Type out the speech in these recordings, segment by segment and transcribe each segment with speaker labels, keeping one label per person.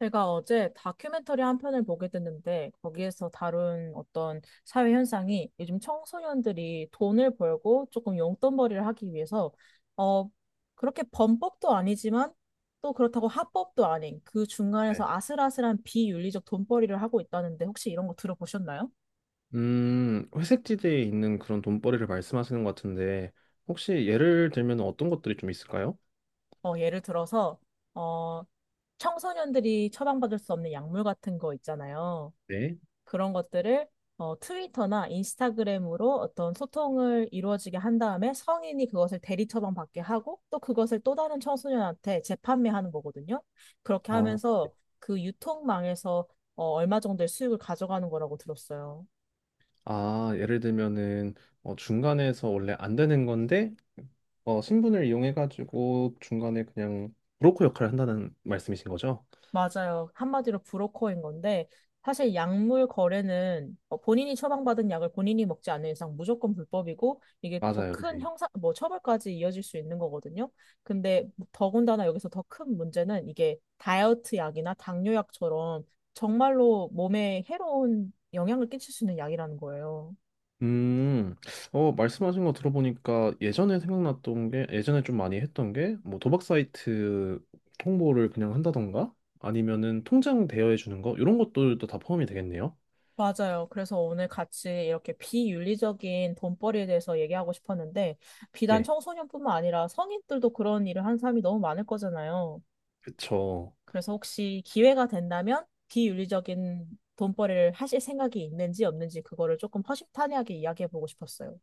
Speaker 1: 제가 어제 다큐멘터리 한 편을 보게 됐는데 거기에서 다룬 어떤 사회 현상이 요즘 청소년들이 돈을 벌고 조금 용돈벌이를 하기 위해서 어 그렇게 범법도 아니지만 또 그렇다고 합법도 아닌 그 중간에서
Speaker 2: 네.
Speaker 1: 아슬아슬한 비윤리적 돈벌이를 하고 있다는데 혹시 이런 거 들어보셨나요?
Speaker 2: 회색지대에 있는 그런 돈벌이를 말씀하시는 것 같은데, 혹시 예를 들면 어떤 것들이 좀 있을까요?
Speaker 1: 예를 들어서 어 청소년들이 처방받을 수 없는 약물 같은 거 있잖아요.
Speaker 2: 네.
Speaker 1: 그런 것들을 트위터나 인스타그램으로 어떤 소통을 이루어지게 한 다음에 성인이 그것을 대리 처방받게 하고 또 그것을 또 다른 청소년한테 재판매하는 거거든요. 그렇게
Speaker 2: 아,
Speaker 1: 하면서 그 유통망에서 얼마 정도의 수익을 가져가는 거라고 들었어요.
Speaker 2: 아, 예를 들면은 중간에서 원래 안 되는 건데, 신분을 이용해가지고 중간에 그냥 브로커 역할을 한다는 말씀이신 거죠?
Speaker 1: 맞아요. 한마디로 브로커인 건데, 사실 약물 거래는 본인이 처방받은 약을 본인이 먹지 않는 이상 무조건 불법이고, 이게 또
Speaker 2: 맞아요.
Speaker 1: 큰 형사, 뭐 처벌까지 이어질 수 있는 거거든요. 근데 더군다나 여기서 더 큰 문제는 이게 다이어트 약이나 당뇨약처럼 정말로 몸에 해로운 영향을 끼칠 수 있는 약이라는 거예요.
Speaker 2: 음, 말씀하신 거 들어보니까 예전에 생각났던 게, 예전에 좀 많이 했던 게, 뭐 도박 사이트 홍보를 그냥 한다던가, 아니면은 통장 대여해 주는 거, 이런 것들도 다 포함이 되겠네요.
Speaker 1: 맞아요. 그래서 오늘 같이 이렇게 비윤리적인 돈벌이에 대해서 얘기하고 싶었는데, 비단
Speaker 2: 네.
Speaker 1: 청소년뿐만 아니라 성인들도 그런 일을 하는 사람이 너무 많을 거잖아요.
Speaker 2: 그쵸.
Speaker 1: 그래서 혹시 기회가 된다면 비윤리적인 돈벌이를 하실 생각이 있는지 없는지 그거를 조금 허심탄회하게 이야기해 보고 싶었어요.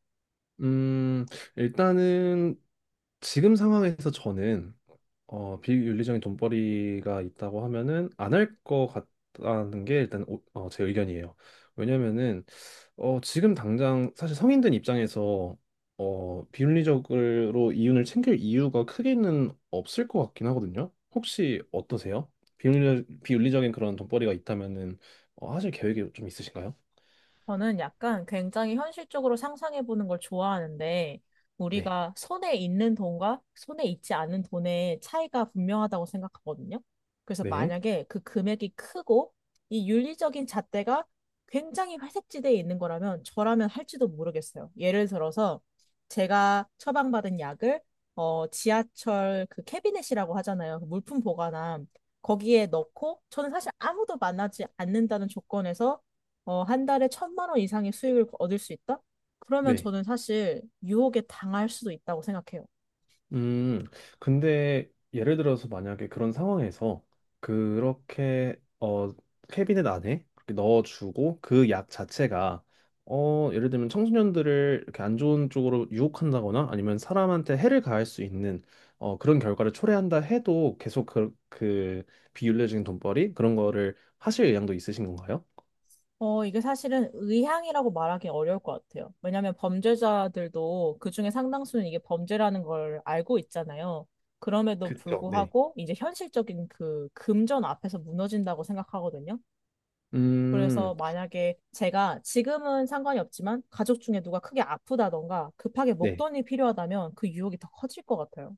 Speaker 2: 음, 일단은 지금 상황에서 저는 비윤리적인 돈벌이가 있다고 하면은 안 할 것 같다는 게 일단 제 의견이에요. 왜냐면은 지금 당장 사실 성인된 입장에서 비윤리적으로 이윤을 챙길 이유가 크게는 없을 것 같긴 하거든요. 혹시 어떠세요? 비윤리적인 그런 돈벌이가 있다면은 하실 계획이 좀 있으신가요?
Speaker 1: 저는 약간 굉장히 현실적으로 상상해 보는 걸 좋아하는데,
Speaker 2: 네.
Speaker 1: 우리가 손에 있는 돈과 손에 있지 않은 돈의 차이가 분명하다고 생각하거든요. 그래서
Speaker 2: 네.
Speaker 1: 만약에 그 금액이 크고, 이 윤리적인 잣대가 굉장히 회색지대에 있는 거라면 저라면 할지도 모르겠어요. 예를 들어서 제가 처방받은 약을 지하철 그 캐비넷이라고 하잖아요. 그 물품 보관함. 거기에 넣고 저는 사실 아무도 만나지 않는다는 조건에서 한 달에 1,000만 원 이상의 수익을 얻을 수 있다? 그러면
Speaker 2: 네.
Speaker 1: 저는 사실 유혹에 당할 수도 있다고 생각해요.
Speaker 2: 음, 근데 예를 들어서 만약에 그런 상황에서 그렇게 캐비넷 안에 그렇게 넣어주고 그 약 자체가 예를 들면 청소년들을 이렇게 안 좋은 쪽으로 유혹한다거나 아니면 사람한테 해를 가할 수 있는 그런 결과를 초래한다 해도 계속 그 비윤리적인 돈벌이 그런 거를 하실 의향도 있으신 건가요?
Speaker 1: 이게 사실은 의향이라고 말하기 어려울 것 같아요. 왜냐하면 범죄자들도 그중에 상당수는 이게 범죄라는 걸 알고 있잖아요. 그럼에도
Speaker 2: 그죠 네.
Speaker 1: 불구하고 이제 현실적인 그 금전 앞에서 무너진다고 생각하거든요.
Speaker 2: 음,
Speaker 1: 그래서 만약에 제가 지금은 상관이 없지만 가족 중에 누가 크게 아프다던가 급하게
Speaker 2: 네.
Speaker 1: 목돈이 필요하다면 그 유혹이 더 커질 것 같아요.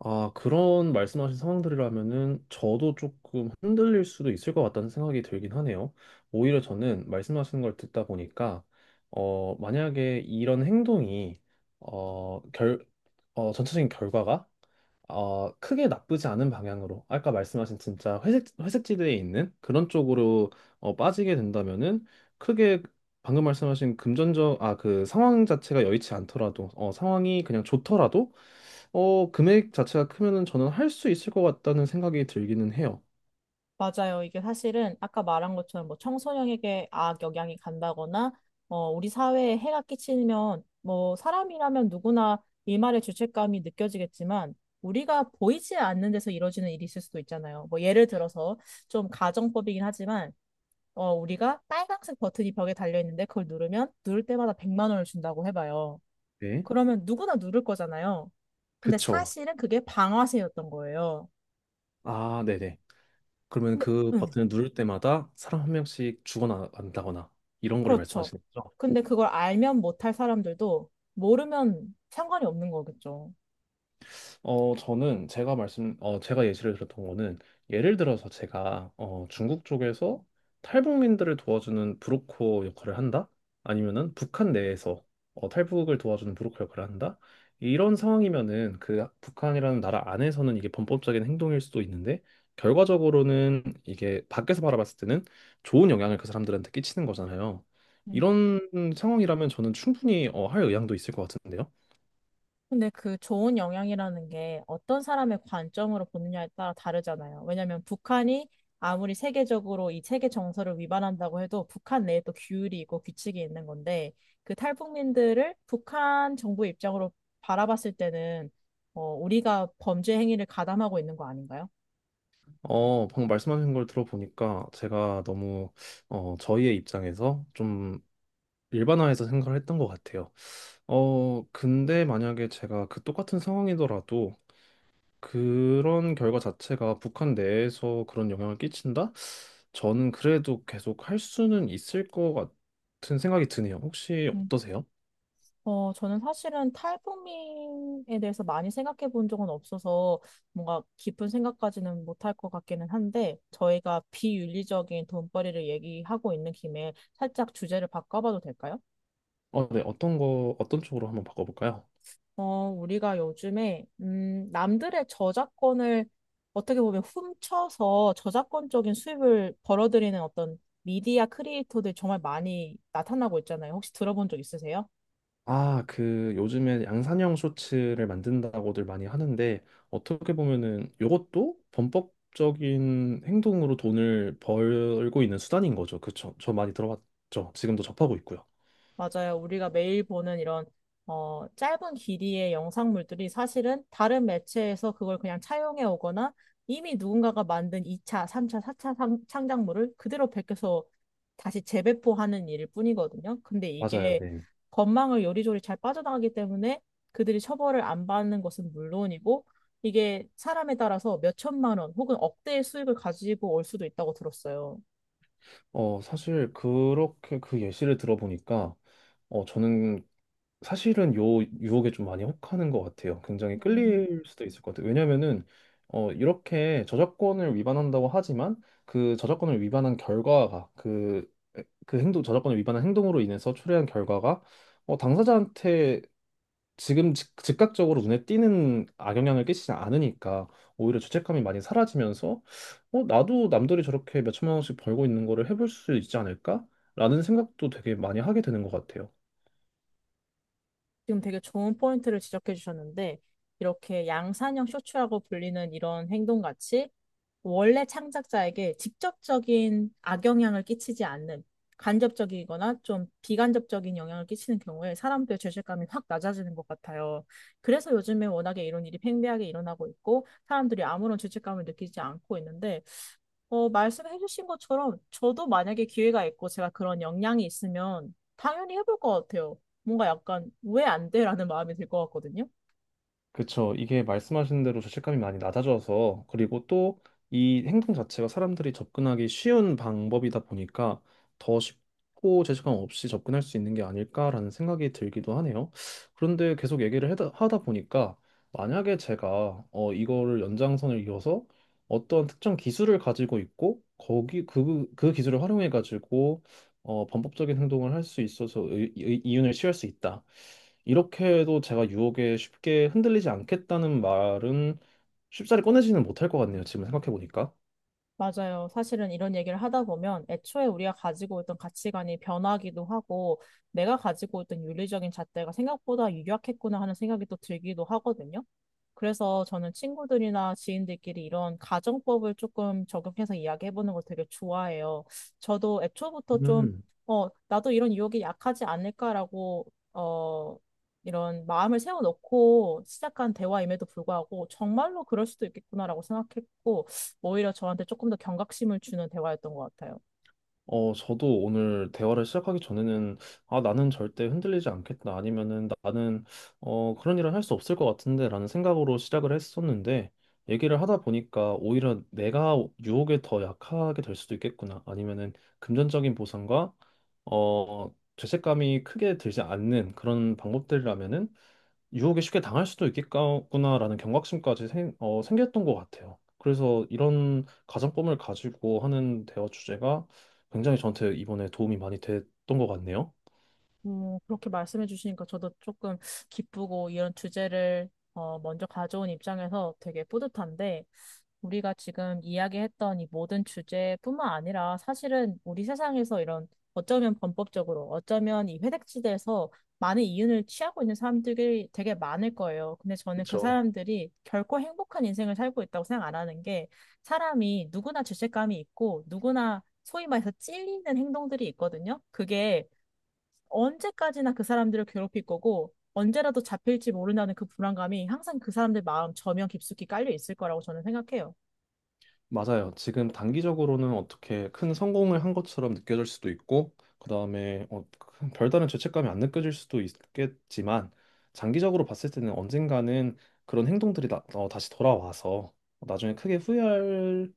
Speaker 2: 아, 그런 말씀하신 상황들이라면은 저도 조금 흔들릴 수도 있을 것 같다는 생각이 들긴 하네요. 오히려 저는 말씀하시는 걸 듣다 보니까, 만약에 이런 행동이, 어, 결, 전체적인 결과가 크게 나쁘지 않은 방향으로 아까 말씀하신 진짜 회색 회색지대에 있는 그런 쪽으로 빠지게 된다면은 크게 방금 말씀하신 금전적 그 상황 자체가 여의치 않더라도 상황이 그냥 좋더라도 금액 자체가 크면은 저는 할 수 있을 것 같다는 생각이 들기는 해요.
Speaker 1: 맞아요. 이게 사실은 아까 말한 것처럼 뭐 청소년에게 악영향이 간다거나, 우리 사회에 해가 끼치면, 뭐 사람이라면 누구나 일말의 죄책감이 느껴지겠지만, 우리가 보이지 않는 데서 이루어지는 일이 있을 수도 있잖아요. 뭐 예를 들어서 좀 가정법이긴 하지만, 우리가 빨간색 버튼이 벽에 달려 있는데 그걸 누르면 누를 때마다 100만 원을 준다고 해봐요.
Speaker 2: 네.
Speaker 1: 그러면 누구나 누를 거잖아요. 근데
Speaker 2: 그쵸.
Speaker 1: 사실은 그게 방아쇠였던 거예요.
Speaker 2: 아, 네네. 그러면
Speaker 1: 근데,
Speaker 2: 그
Speaker 1: 응.
Speaker 2: 버튼을 누를 때마다 사람 한 명씩 죽어나간다거나 이런 거를
Speaker 1: 그렇죠.
Speaker 2: 말씀하시는 거죠?
Speaker 1: 근데 그걸 알면 못할 사람들도 모르면 상관이 없는 거겠죠.
Speaker 2: 저는 제가 예시를 들었던 거는 예를 들어서 제가 중국 쪽에서 탈북민들을 도와주는 브로커 역할을 한다? 아니면은 북한 내에서 탈북을 도와주는 브로커 역할을 한다? 이런 상황이면은 그 북한이라는 나라 안에서는 이게 범법적인 행동일 수도 있는데 결과적으로는 이게 밖에서 바라봤을 때는 좋은 영향을 그 사람들한테 끼치는 거잖아요.
Speaker 1: 음.
Speaker 2: 이런 상황이라면 저는 충분히 할 의향도 있을 것 같은데요.
Speaker 1: 근데 그 좋은 영향이라는 게 어떤 사람의 관점으로 보느냐에 따라 다르잖아요. 왜냐하면 북한이 아무리 세계적으로 이 세계 정서를 위반한다고 해도 북한 내에 또 규율이 있고 규칙이 있는 건데 그 탈북민들을 북한 정부 입장으로 바라봤을 때는 우리가 범죄 행위를 가담하고 있는 거 아닌가요?
Speaker 2: 방금 말씀하신 걸 들어보니까 제가 너무 저희의 입장에서 좀 일반화해서 생각을 했던 것 같아요. 근데 만약에 제가 그 똑같은 상황이더라도 그런 결과 자체가 북한 내에서 그런 영향을 끼친다? 저는 그래도 계속 할 수는 있을 것 같은 생각이 드네요. 혹시 어떠세요?
Speaker 1: 저는 사실은 탈북민에 대해서 많이 생각해 본 적은 없어서 뭔가 깊은 생각까지는 못할 것 같기는 한데 저희가 비윤리적인 돈벌이를 얘기하고 있는 김에 살짝 주제를 바꿔봐도 될까요?
Speaker 2: 네, 어떤 쪽으로 한번 바꿔볼까요?
Speaker 1: 우리가 요즘에, 남들의 저작권을 어떻게 보면 훔쳐서 저작권적인 수입을 벌어들이는 어떤 미디어 크리에이터들 정말 많이 나타나고 있잖아요. 혹시 들어본 적 있으세요?
Speaker 2: 아, 그 요즘에 양산형 쇼츠를 만든다고들 많이 하는데 어떻게 보면은 요것도 범법적인 행동으로 돈을 벌고 있는 수단인 거죠. 그쵸? 저 많이 들어봤죠. 지금도 접하고 있고요.
Speaker 1: 맞아요. 우리가 매일 보는 이런 짧은 길이의 영상물들이 사실은 다른 매체에서 그걸 그냥 차용해 오거나 이미 누군가가 만든 2차, 3차, 4차 창작물을 그대로 베껴서 다시 재배포하는 일일 뿐이거든요. 근데
Speaker 2: 맞아요,
Speaker 1: 이게
Speaker 2: 네.
Speaker 1: 건망을 요리조리 잘 빠져나가기 때문에 그들이 처벌을 안 받는 것은 물론이고 이게 사람에 따라서 몇천만 원 혹은 억대의 수익을 가지고 올 수도 있다고 들었어요.
Speaker 2: 사실 그렇게 그 예시를 들어보니까 저는 사실은 요 유혹에 좀 많이 혹하는 것 같아요. 굉장히
Speaker 1: 네.
Speaker 2: 끌릴 수도 있을 것 같아요. 왜냐면은 이렇게 저작권을 위반한다고 하지만 그 저작권을 위반한 결과가 그 행동, 저작권을 위반한 행동으로 인해서 초래한 결과가 당사자한테 지금 즉각적으로 눈에 띄는 악영향을 끼치지 않으니까 오히려 죄책감이 많이 사라지면서 나도 남들이 저렇게 몇천만 원씩 벌고 있는 거를 해볼 수 있지 않을까? 라는 생각도 되게 많이 하게 되는 것 같아요.
Speaker 1: 지금 되게 좋은 포인트를 지적해 주셨는데, 이렇게 양산형 쇼츠라고 불리는 이런 행동같이 원래 창작자에게 직접적인 악영향을 끼치지 않는 간접적이거나 좀 비간접적인 영향을 끼치는 경우에 사람들의 죄책감이 확 낮아지는 것 같아요. 그래서 요즘에 워낙에 이런 일이 팽배하게 일어나고 있고 사람들이 아무런 죄책감을 느끼지 않고 있는데 말씀해 주신 것처럼 저도 만약에 기회가 있고 제가 그런 역량이 있으면 당연히 해볼 것 같아요. 뭔가 약간 왜 안 돼? 라는 마음이 들 것 같거든요.
Speaker 2: 그쵸. 이게 말씀하신 대로 죄책감이 많이 낮아져서, 그리고 또 이 행동 자체가 사람들이 접근하기 쉬운 방법이다 보니까 더 쉽고 죄책감 없이 접근할 수 있는 게 아닐까라는 생각이 들기도 하네요. 그런데 계속 얘기를 하다 보니까 만약에 제가 이거를 연장선을 이어서 어떤 특정 기술을 가지고 있고, 거기 그 기술을 활용해 가지고 범법적인 행동을 할 수 있어서 이윤을 취할 수 있다. 이렇게 해도 제가 유혹에 쉽게 흔들리지 않겠다는 말은 쉽사리 꺼내지는 못할 것 같네요. 지금 생각해 보니까.
Speaker 1: 맞아요. 사실은 이런 얘기를 하다 보면 애초에 우리가 가지고 있던 가치관이 변하기도 하고 내가 가지고 있던 윤리적인 잣대가 생각보다 유약했구나 하는 생각이 또 들기도 하거든요. 그래서 저는 친구들이나 지인들끼리 이런 가정법을 조금 적용해서 이야기해보는 걸 되게 좋아해요. 저도 애초부터 좀,
Speaker 2: 음.
Speaker 1: 나도 이런 유혹이 약하지 않을까라고, 어, 이런 마음을 세워놓고 시작한 대화임에도 불구하고 정말로 그럴 수도 있겠구나라고 생각했고, 오히려 저한테 조금 더 경각심을 주는 대화였던 것 같아요.
Speaker 2: 저도 오늘 대화를 시작하기 전에는, 아, 나는 절대 흔들리지 않겠다. 아니면은 나는, 그런 일은 할 수 없을 것 같은데. 라는 생각으로 시작을 했었는데, 얘기를 하다 보니까 오히려 내가 유혹에 더 약하게 될 수도 있겠구나. 아니면은 금전적인 보상과, 죄책감이 크게 들지 않는 그런 방법들이라면은 유혹에 쉽게 당할 수도 있겠구나라는 경각심까지 생겼던 것 같아요. 그래서 이런 가정법을 가지고 하는 대화 주제가 굉장히 저한테 이번에 도움이 많이 됐던 것 같네요.
Speaker 1: 그렇게 말씀해 주시니까 저도 조금 기쁘고 이런 주제를 먼저 가져온 입장에서 되게 뿌듯한데 우리가 지금 이야기했던 이 모든 주제뿐만 아니라 사실은 우리 세상에서 이런 어쩌면 범법적으로 어쩌면 이 회색지대에서 많은 이윤을 취하고 있는 사람들이 되게 많을 거예요. 근데 저는 그
Speaker 2: 그쵸?
Speaker 1: 사람들이 결코 행복한 인생을 살고 있다고 생각 안 하는 게 사람이 누구나 죄책감이 있고 누구나 소위 말해서 찔리는 행동들이 있거든요. 그게 언제까지나 그 사람들을 괴롭힐 거고 언제라도 잡힐지 모른다는 그 불안감이 항상 그 사람들 마음 저면 깊숙이 깔려 있을 거라고 저는 생각해요.
Speaker 2: 맞아요. 지금 단기적으로는 어떻게 큰 성공을 한 것처럼 느껴질 수도 있고, 그다음에 큰 별다른 죄책감이 안 느껴질 수도 있겠지만, 장기적으로 봤을 때는 언젠가는 그런 행동들이 다시 돌아와서 나중에 크게 후회할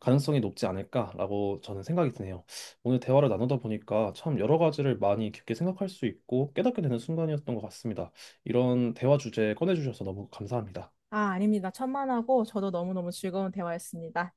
Speaker 2: 가능성이 높지 않을까라고 저는 생각이 드네요. 오늘 대화를 나누다 보니까 참 여러 가지를 많이 깊게 생각할 수 있고 깨닫게 되는 순간이었던 것 같습니다. 이런 대화 주제 꺼내주셔서 너무 감사합니다.
Speaker 1: 아, 아닙니다. 천만하고 저도 너무너무 즐거운 대화였습니다.